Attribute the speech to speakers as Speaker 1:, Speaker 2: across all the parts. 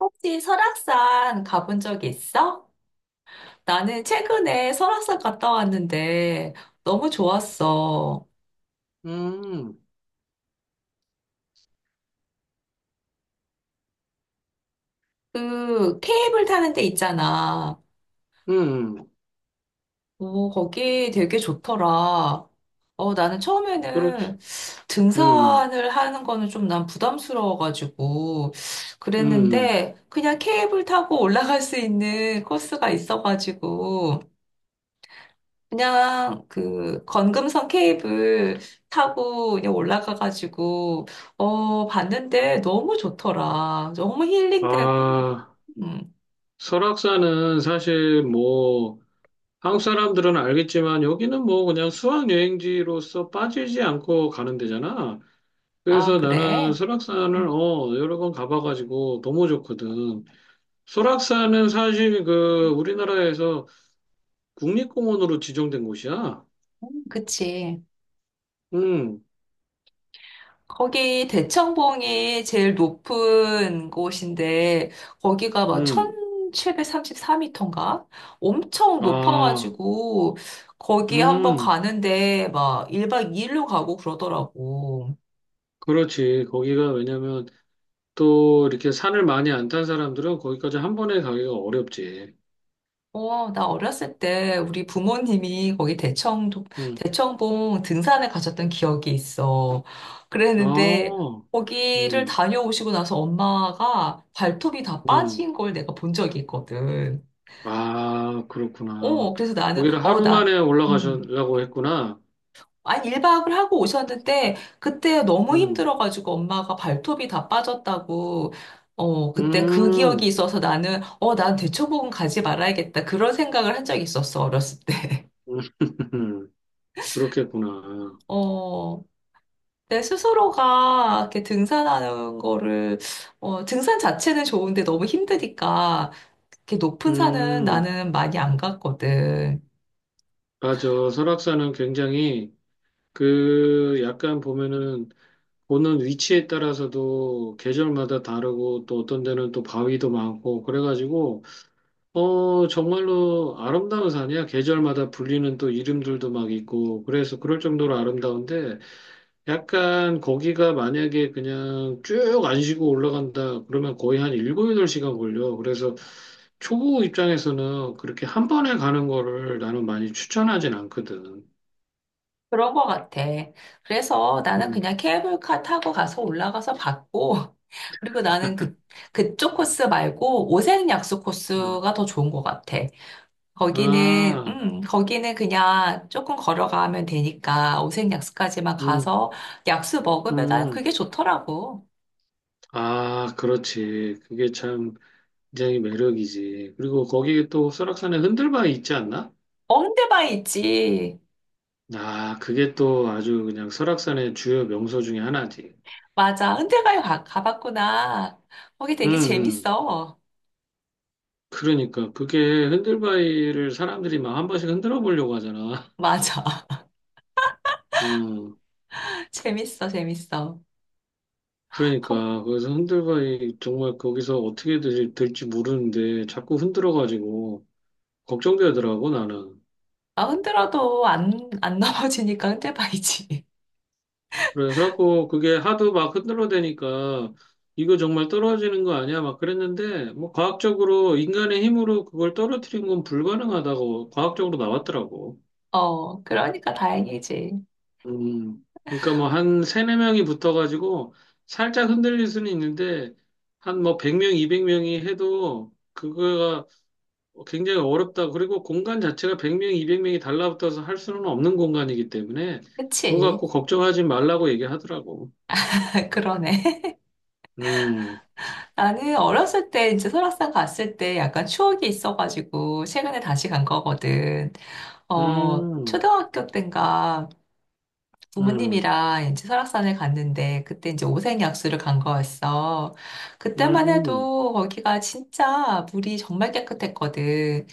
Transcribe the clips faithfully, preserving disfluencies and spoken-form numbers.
Speaker 1: 혹시 설악산 가본 적 있어? 나는 최근에 설악산 갔다 왔는데 너무 좋았어.
Speaker 2: 음,
Speaker 1: 그 케이블 타는 데 있잖아.
Speaker 2: 음,
Speaker 1: 오, 거기 되게 좋더라. 어, 나는
Speaker 2: 그렇죠.
Speaker 1: 처음에는
Speaker 2: 음,
Speaker 1: 등산을 하는 거는 좀 난 부담스러워가지고
Speaker 2: 음.
Speaker 1: 그랬는데 그냥 케이블 타고 올라갈 수 있는 코스가 있어가지고 그냥 그 건금선 케이블 타고 그냥 올라가가지고 어 봤는데 너무 좋더라. 너무 힐링되고.
Speaker 2: 아,
Speaker 1: 음.
Speaker 2: 설악산은 사실 뭐, 한국 사람들은 알겠지만 여기는 뭐 그냥 수학여행지로서 빠지지 않고 가는 데잖아.
Speaker 1: 아
Speaker 2: 그래서 나는
Speaker 1: 그래?
Speaker 2: 설악산을
Speaker 1: 음,
Speaker 2: 어, 여러 번 가봐가지고 너무 좋거든. 설악산은 사실 그 우리나라에서 국립공원으로 지정된 곳이야.
Speaker 1: 그치.
Speaker 2: 음,
Speaker 1: 거기 대청봉이 제일 높은 곳인데 거기가 막
Speaker 2: 음.
Speaker 1: 천칠백삼십사 미터인가? 엄청
Speaker 2: 아,
Speaker 1: 높아가지고 거기 한번
Speaker 2: 음.
Speaker 1: 가는데 막 일 박 이 일로 가고 그러더라고.
Speaker 2: 그렇지. 거기가 왜냐면 또 이렇게 산을 많이 안 탄 사람들은 거기까지 한 번에 가기가 어렵지.
Speaker 1: 어, 나 어렸을 때 우리 부모님이 거기 대청,
Speaker 2: 응.
Speaker 1: 대청봉 등산을 가셨던 기억이 있어. 그랬는데
Speaker 2: 아,
Speaker 1: 거기를
Speaker 2: 음,
Speaker 1: 다녀오시고 나서 엄마가 발톱이 다
Speaker 2: 음.
Speaker 1: 빠진 걸 내가 본 적이 있거든.
Speaker 2: 아,
Speaker 1: 어,
Speaker 2: 그렇구나.
Speaker 1: 그래서 나는,
Speaker 2: 거기를
Speaker 1: 어,
Speaker 2: 하루
Speaker 1: 나,
Speaker 2: 만에
Speaker 1: 음.
Speaker 2: 올라가려고 했구나.
Speaker 1: 아니, 일 박을 하고 오셨는데 그때 너무
Speaker 2: 음,
Speaker 1: 힘들어가지고 엄마가 발톱이 다 빠졌다고 어,
Speaker 2: 음,
Speaker 1: 그때 그 기억이
Speaker 2: 음.
Speaker 1: 있어서 나는, 어, 난 대청봉은 가지 말아야겠다. 그런 생각을 한 적이 있었어, 어렸을 때.
Speaker 2: 그렇겠구나.
Speaker 1: 어, 내 스스로가 이렇게 등산하는 거를, 어, 등산 자체는 좋은데 너무 힘드니까, 이렇게 높은 산은
Speaker 2: 음,
Speaker 1: 나는 많이 안 갔거든.
Speaker 2: 맞아. 설악산은 굉장히 그 약간 보면은 보는 위치에 따라서도 계절마다 다르고 또 어떤 데는 또 바위도 많고 그래가지고 어, 정말로 아름다운 산이야. 계절마다 불리는 또 이름들도 막 있고, 그래서 그럴 정도로 아름다운데, 약간 거기가 만약에 그냥 쭉 안 쉬고 올라간다, 그러면 거의 한 일곱, 여덟 시간 걸려. 그래서 초보 입장에서는 그렇게 한 번에 가는 거를 나는 많이 추천하진 않거든.
Speaker 1: 그런 거 같아. 그래서 나는
Speaker 2: 음,
Speaker 1: 그냥 케이블카 타고 가서 올라가서 봤고, 그리고 나는 그, 그쪽 코스 말고 오색약수
Speaker 2: 음.
Speaker 1: 코스가 더 좋은 것 같아. 거기는,
Speaker 2: 아,
Speaker 1: 음, 거기는 그냥 조금 걸어가면 되니까 오색약수까지만
Speaker 2: 음,
Speaker 1: 가서 약수 먹으면 난
Speaker 2: 음.
Speaker 1: 그게 좋더라고.
Speaker 2: 아, 그렇지. 그게 참 굉장히 매력이지. 그리고 거기에 또 설악산에 흔들바위 있지 않나?
Speaker 1: 어, 흔대바위 있지.
Speaker 2: 아, 그게 또 아주 그냥 설악산의 주요 명소 중에 하나지.
Speaker 1: 맞아. 흔대바위 가, 가봤구나. 거기
Speaker 2: 음,
Speaker 1: 되게
Speaker 2: 음.
Speaker 1: 재밌어.
Speaker 2: 그러니까 그게 흔들바위를 사람들이 막 한 번씩 흔들어 보려고 하잖아.
Speaker 1: 맞아.
Speaker 2: 음.
Speaker 1: 재밌어, 재밌어. 어,
Speaker 2: 그러니까 그래서 흔들바위 정말 거기서 어떻게 될, 될지 모르는데 자꾸 흔들어 가지고 걱정되더라고 나는.
Speaker 1: 나 흔들어도 안, 안 넘어지니까 흔대바위지.
Speaker 2: 그래 그래갖고 그게 하도 막 흔들어 대니까 이거 정말 떨어지는 거 아니야? 막 그랬는데 뭐 과학적으로 인간의 힘으로 그걸 떨어뜨린 건 불가능하다고 과학적으로 나왔더라고.
Speaker 1: 어, 그러니까 다행이지.
Speaker 2: 음, 그러니까 뭐 한 세네 명이 붙어가지고 살짝 흔들릴 수는 있는데 한 뭐 백 명, 이백 명이 해도 그거가 굉장히 어렵다. 그리고 공간 자체가 백 명, 이백 명이 달라붙어서 할 수는 없는 공간이기 때문에 그거
Speaker 1: 그치?
Speaker 2: 갖고 걱정하지 말라고 얘기하더라고.
Speaker 1: 그러네.
Speaker 2: 음,
Speaker 1: 나는 어렸을 때 이제 설악산 갔을 때 약간 추억이 있어가지고 최근에 다시 간 거거든. 어,
Speaker 2: 음,
Speaker 1: 초등학교 때인가
Speaker 2: 음,
Speaker 1: 부모님이랑 이제 설악산을 갔는데 그때 이제 오색약수를 간 거였어. 그때만
Speaker 2: 음,
Speaker 1: 해도 거기가 진짜 물이 정말 깨끗했거든.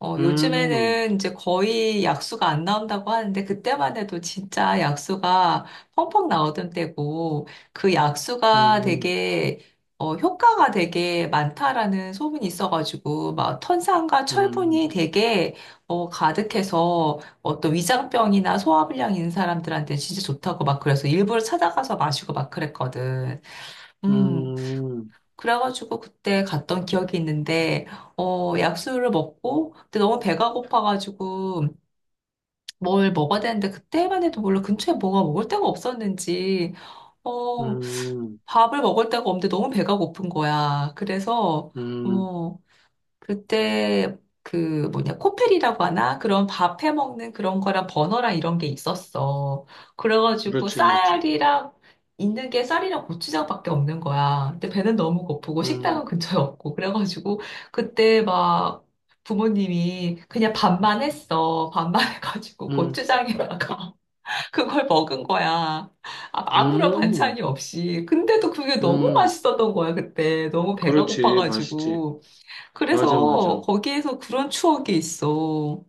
Speaker 1: 어,
Speaker 2: 음, 음,
Speaker 1: 요즘에는 이제 거의 약수가 안 나온다고 하는데, 그때만 해도 진짜 약수가 펑펑 나오던 때고, 그 약수가
Speaker 2: 음,
Speaker 1: 되게, 어, 효과가 되게 많다라는 소문이 있어가지고, 막 탄산과
Speaker 2: 음,
Speaker 1: 철분이 되게, 어, 가득해서, 어떤 위장병이나 소화불량 있는 사람들한테 진짜 좋다고 막 그래서 일부러 찾아가서 마시고 막 그랬거든. 음,
Speaker 2: 음,
Speaker 1: 그래가지고 그때 갔던 기억이 있는데, 어, 약수를 먹고, 근데 너무 배가 고파가지고 뭘 먹어야 되는데, 그때만 해도 몰라 근처에 뭐가 먹을 데가 없었는지, 어,
Speaker 2: 음,
Speaker 1: 밥을 먹을 데가 없는데 너무 배가 고픈 거야. 그래서,
Speaker 2: 음.
Speaker 1: 어, 그때 그 뭐냐 코펠이라고 하나 그런 밥 해 먹는 그런 거랑 버너랑 이런 게 있었어. 그래가지고
Speaker 2: 그렇지, 그렇지.
Speaker 1: 쌀이랑 있는 게 쌀이랑 고추장밖에 없는 거야. 근데 배는 너무 고프고 식당은
Speaker 2: 음,
Speaker 1: 근처에 없고 그래가지고 그때 막 부모님이 그냥 밥만 했어. 밥만 해가지고
Speaker 2: 음.
Speaker 1: 고추장에다가 그걸 먹은 거야. 아- 아무런
Speaker 2: 음.
Speaker 1: 반찬이 없이. 근데도 그게 너무
Speaker 2: 음,
Speaker 1: 맛있었던 거야, 그때. 너무 배가
Speaker 2: 그렇지. 맛있지.
Speaker 1: 고파가지고.
Speaker 2: 맞아, 맞아.
Speaker 1: 그래서 거기에서 그런 추억이 있어.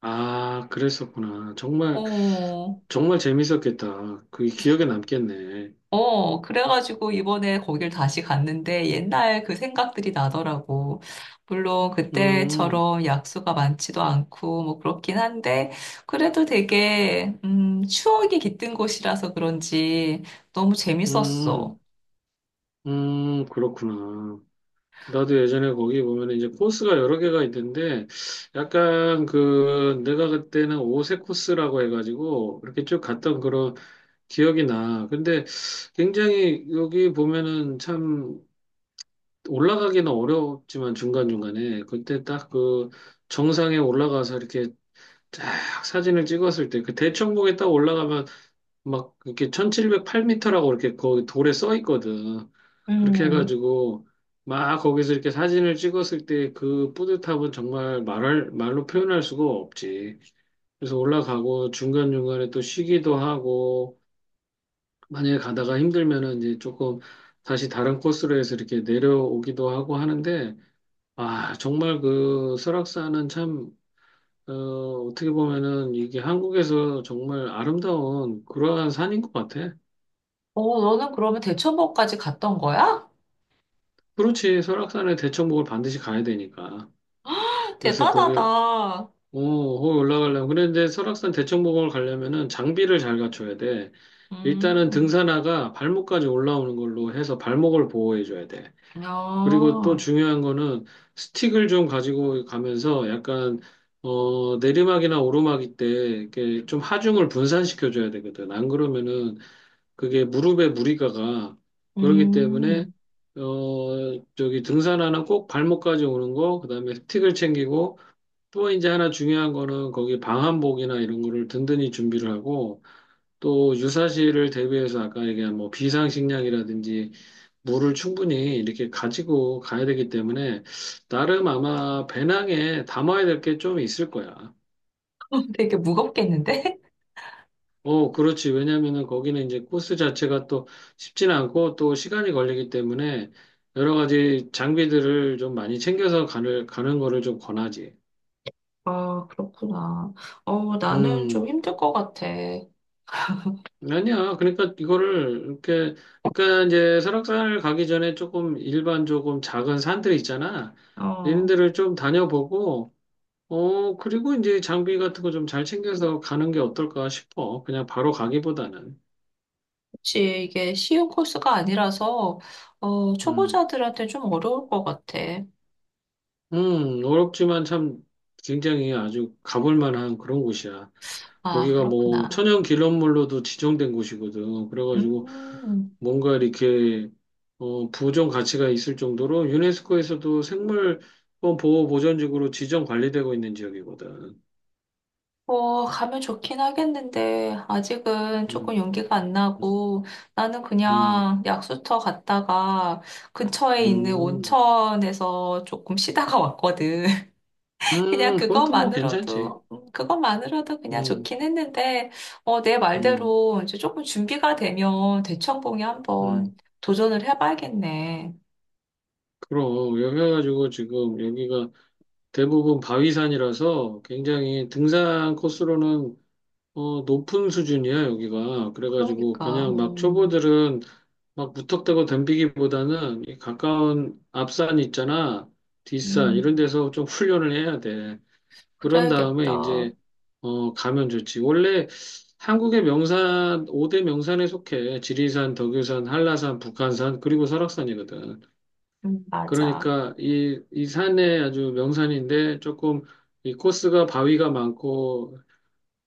Speaker 2: 아, 그랬었구나. 정말,
Speaker 1: 어,
Speaker 2: 정말 재밌었겠다. 그게 기억에 남겠네.
Speaker 1: 어, 그래가지고 이번에 거길 다시 갔는데 옛날 그 생각들이 나더라고. 물론
Speaker 2: 음,
Speaker 1: 그때처럼 약수가 많지도 않고 뭐 그렇긴 한데 그래도 되게, 음, 추억이 깃든 곳이라서 그런지 너무 재밌었어.
Speaker 2: 음, 음, 그렇구나. 나도 예전에 거기 보면 이제 코스가 여러 개가 있는데, 약간 그, 내가 그때는 오색 코스라고 해가지고, 이렇게 쭉 갔던 그런 기억이 나. 근데 굉장히 여기 보면은 참, 올라가기는 어렵지만 중간중간에 그때 딱 그 정상에 올라가서 이렇게 쫙 사진을 찍었을 때 그 대청봉에 딱 올라가면 막 이렇게 천칠백팔 미터라고 이렇게 거기 돌에 써 있거든. 그렇게
Speaker 1: 음,
Speaker 2: 해가지고 막 거기서 이렇게 사진을 찍었을 때 그 뿌듯함은 정말 말할, 말로 표현할 수가 없지. 그래서 올라가고 중간중간에 또 쉬기도 하고 만약에 가다가 힘들면은 이제 조금 다시 다른 코스로 해서 이렇게 내려오기도 하고 하는데 아, 정말 그 설악산은 참, 어, 어떻게 보면은 이게 한국에서 정말 아름다운 그러한 산인 것 같아.
Speaker 1: 어, 너는 그러면 대천봉까지 갔던 거야?
Speaker 2: 그렇지, 설악산에 대청봉을 반드시 가야 되니까. 그래서 거기, 어,
Speaker 1: 대단하다.
Speaker 2: 거기 올라가려면. 그런데 설악산 대청봉을 가려면은 장비를 잘 갖춰야 돼. 일단은
Speaker 1: 음,
Speaker 2: 등산화가 발목까지 올라오는 걸로 해서 발목을 보호해줘야 돼. 그리고 또
Speaker 1: 야,
Speaker 2: 중요한 거는 스틱을 좀 가지고 가면서 약간 어 내리막이나 오르막일 때 이렇게 좀 하중을 분산시켜 줘야 되거든. 안 그러면은 그게 무릎에 무리가 가. 그렇기 때문에
Speaker 1: 음.
Speaker 2: 어 저기 등산화는 꼭 발목까지 오는 거, 그다음에 스틱을 챙기고 또 이제 하나 중요한 거는 거기 방한복이나 이런 거를 든든히 준비를 하고 또 유사시를 대비해서 아까 얘기한 뭐 비상식량이라든지 물을 충분히 이렇게 가지고 가야 되기 때문에 나름 아마 배낭에 담아야 될 게 좀 있을 거야.
Speaker 1: 되게 무겁겠는데?
Speaker 2: 어, 그렇지. 왜냐면은 거기는 이제 코스 자체가 또 쉽진 않고 또 시간이 걸리기 때문에 여러 가지 장비들을 좀 많이 챙겨서 가는, 가는 거를 좀 권하지.
Speaker 1: 아, 그렇구나. 어, 나는 좀
Speaker 2: 음.
Speaker 1: 힘들 것 같아.
Speaker 2: 아니야. 그러니까 이거를 이렇게 그러니까 이제 설악산을 가기 전에 조금 일반 조금 작은 산들 있잖아. 이런
Speaker 1: 어,
Speaker 2: 데를 좀 다녀보고 어 그리고 이제 장비 같은 거 좀 잘 챙겨서 가는 게 어떨까 싶어. 그냥 바로 가기보다는.
Speaker 1: 혹시 이게 쉬운 코스가 아니라서, 어,
Speaker 2: 음.
Speaker 1: 초보자들한테 좀 어려울 것 같아.
Speaker 2: 음, 어렵지만 참 굉장히 아주 가볼 만한 그런 곳이야.
Speaker 1: 아,
Speaker 2: 거기가 뭐
Speaker 1: 그렇구나.
Speaker 2: 천연 기념물로도 지정된 곳이거든. 그래가지고
Speaker 1: 음,
Speaker 2: 뭔가 이렇게 어, 보존 가치가 있을 정도로 유네스코에서도 생물권 보호 보전지구로 지정 관리되고 있는 지역이거든.
Speaker 1: 뭐, 가면 좋긴 하겠는데, 아직은 조금
Speaker 2: 음,
Speaker 1: 용기가 안 나고, 나는
Speaker 2: 음,
Speaker 1: 그냥 약수터 갔다가 근처에 있는
Speaker 2: 음,
Speaker 1: 온천에서 조금 쉬다가 왔거든. 그냥
Speaker 2: 음, 그건 또 뭐 괜찮지.
Speaker 1: 그것만으로도, 음, 그것만으로도 그냥
Speaker 2: 음,
Speaker 1: 좋긴 했는데, 어, 내
Speaker 2: 음,
Speaker 1: 말대로 이제 조금 준비가 되면 대청봉에
Speaker 2: 음.
Speaker 1: 한번 도전을 해봐야겠네.
Speaker 2: 그럼 여기 해가지고 지금 여기가 대부분 바위산이라서 굉장히 등산 코스로는 어, 높은 수준이야, 여기가. 그래가지고,
Speaker 1: 그러니까,
Speaker 2: 그냥 막
Speaker 1: 음,
Speaker 2: 초보들은 막 무턱대고 덤비기보다는 이 가까운 앞산 있잖아, 뒷산, 이런
Speaker 1: 음,
Speaker 2: 데서 좀 훈련을 해야 돼. 그런 다음에
Speaker 1: 그래야겠다.
Speaker 2: 이제, 어, 가면 좋지. 원래 한국의 명산, 오대 명산에 속해. 지리산, 덕유산, 한라산, 북한산, 그리고 설악산이거든.
Speaker 1: 음, 맞아.
Speaker 2: 그러니까 이, 이 산에 아주 명산인데 조금 이 코스가 바위가 많고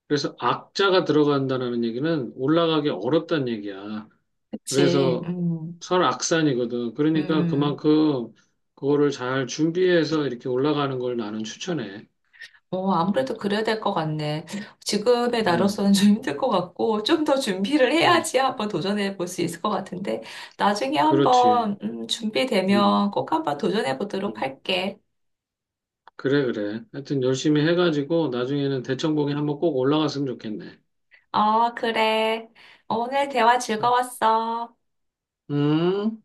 Speaker 2: 그래서 악자가 들어간다는 얘기는 올라가기 어렵다는 얘기야.
Speaker 1: 그치,
Speaker 2: 그래서
Speaker 1: 음,
Speaker 2: 설악산이거든. 그러니까
Speaker 1: 음.
Speaker 2: 그만큼 그거를 잘 준비해서 이렇게 올라가는 걸 나는 추천해.
Speaker 1: 어, 아무래도 그래야 될 것 같네. 지금의
Speaker 2: 음,
Speaker 1: 나로서는 좀 힘들 것 같고, 좀 더 준비를
Speaker 2: 음,
Speaker 1: 해야지 한번 도전해 볼 수 있을 것 같은데, 나중에
Speaker 2: 그렇지.
Speaker 1: 한번, 음,
Speaker 2: 음,
Speaker 1: 준비되면 꼭 한번 도전해 보도록
Speaker 2: 음.
Speaker 1: 할게.
Speaker 2: 그래, 그래. 하여튼 열심히 해가지고 나중에는 대청봉에 한번 꼭 올라갔으면 좋겠네.
Speaker 1: 어, 그래. 오늘 대화 즐거웠어.
Speaker 2: 음.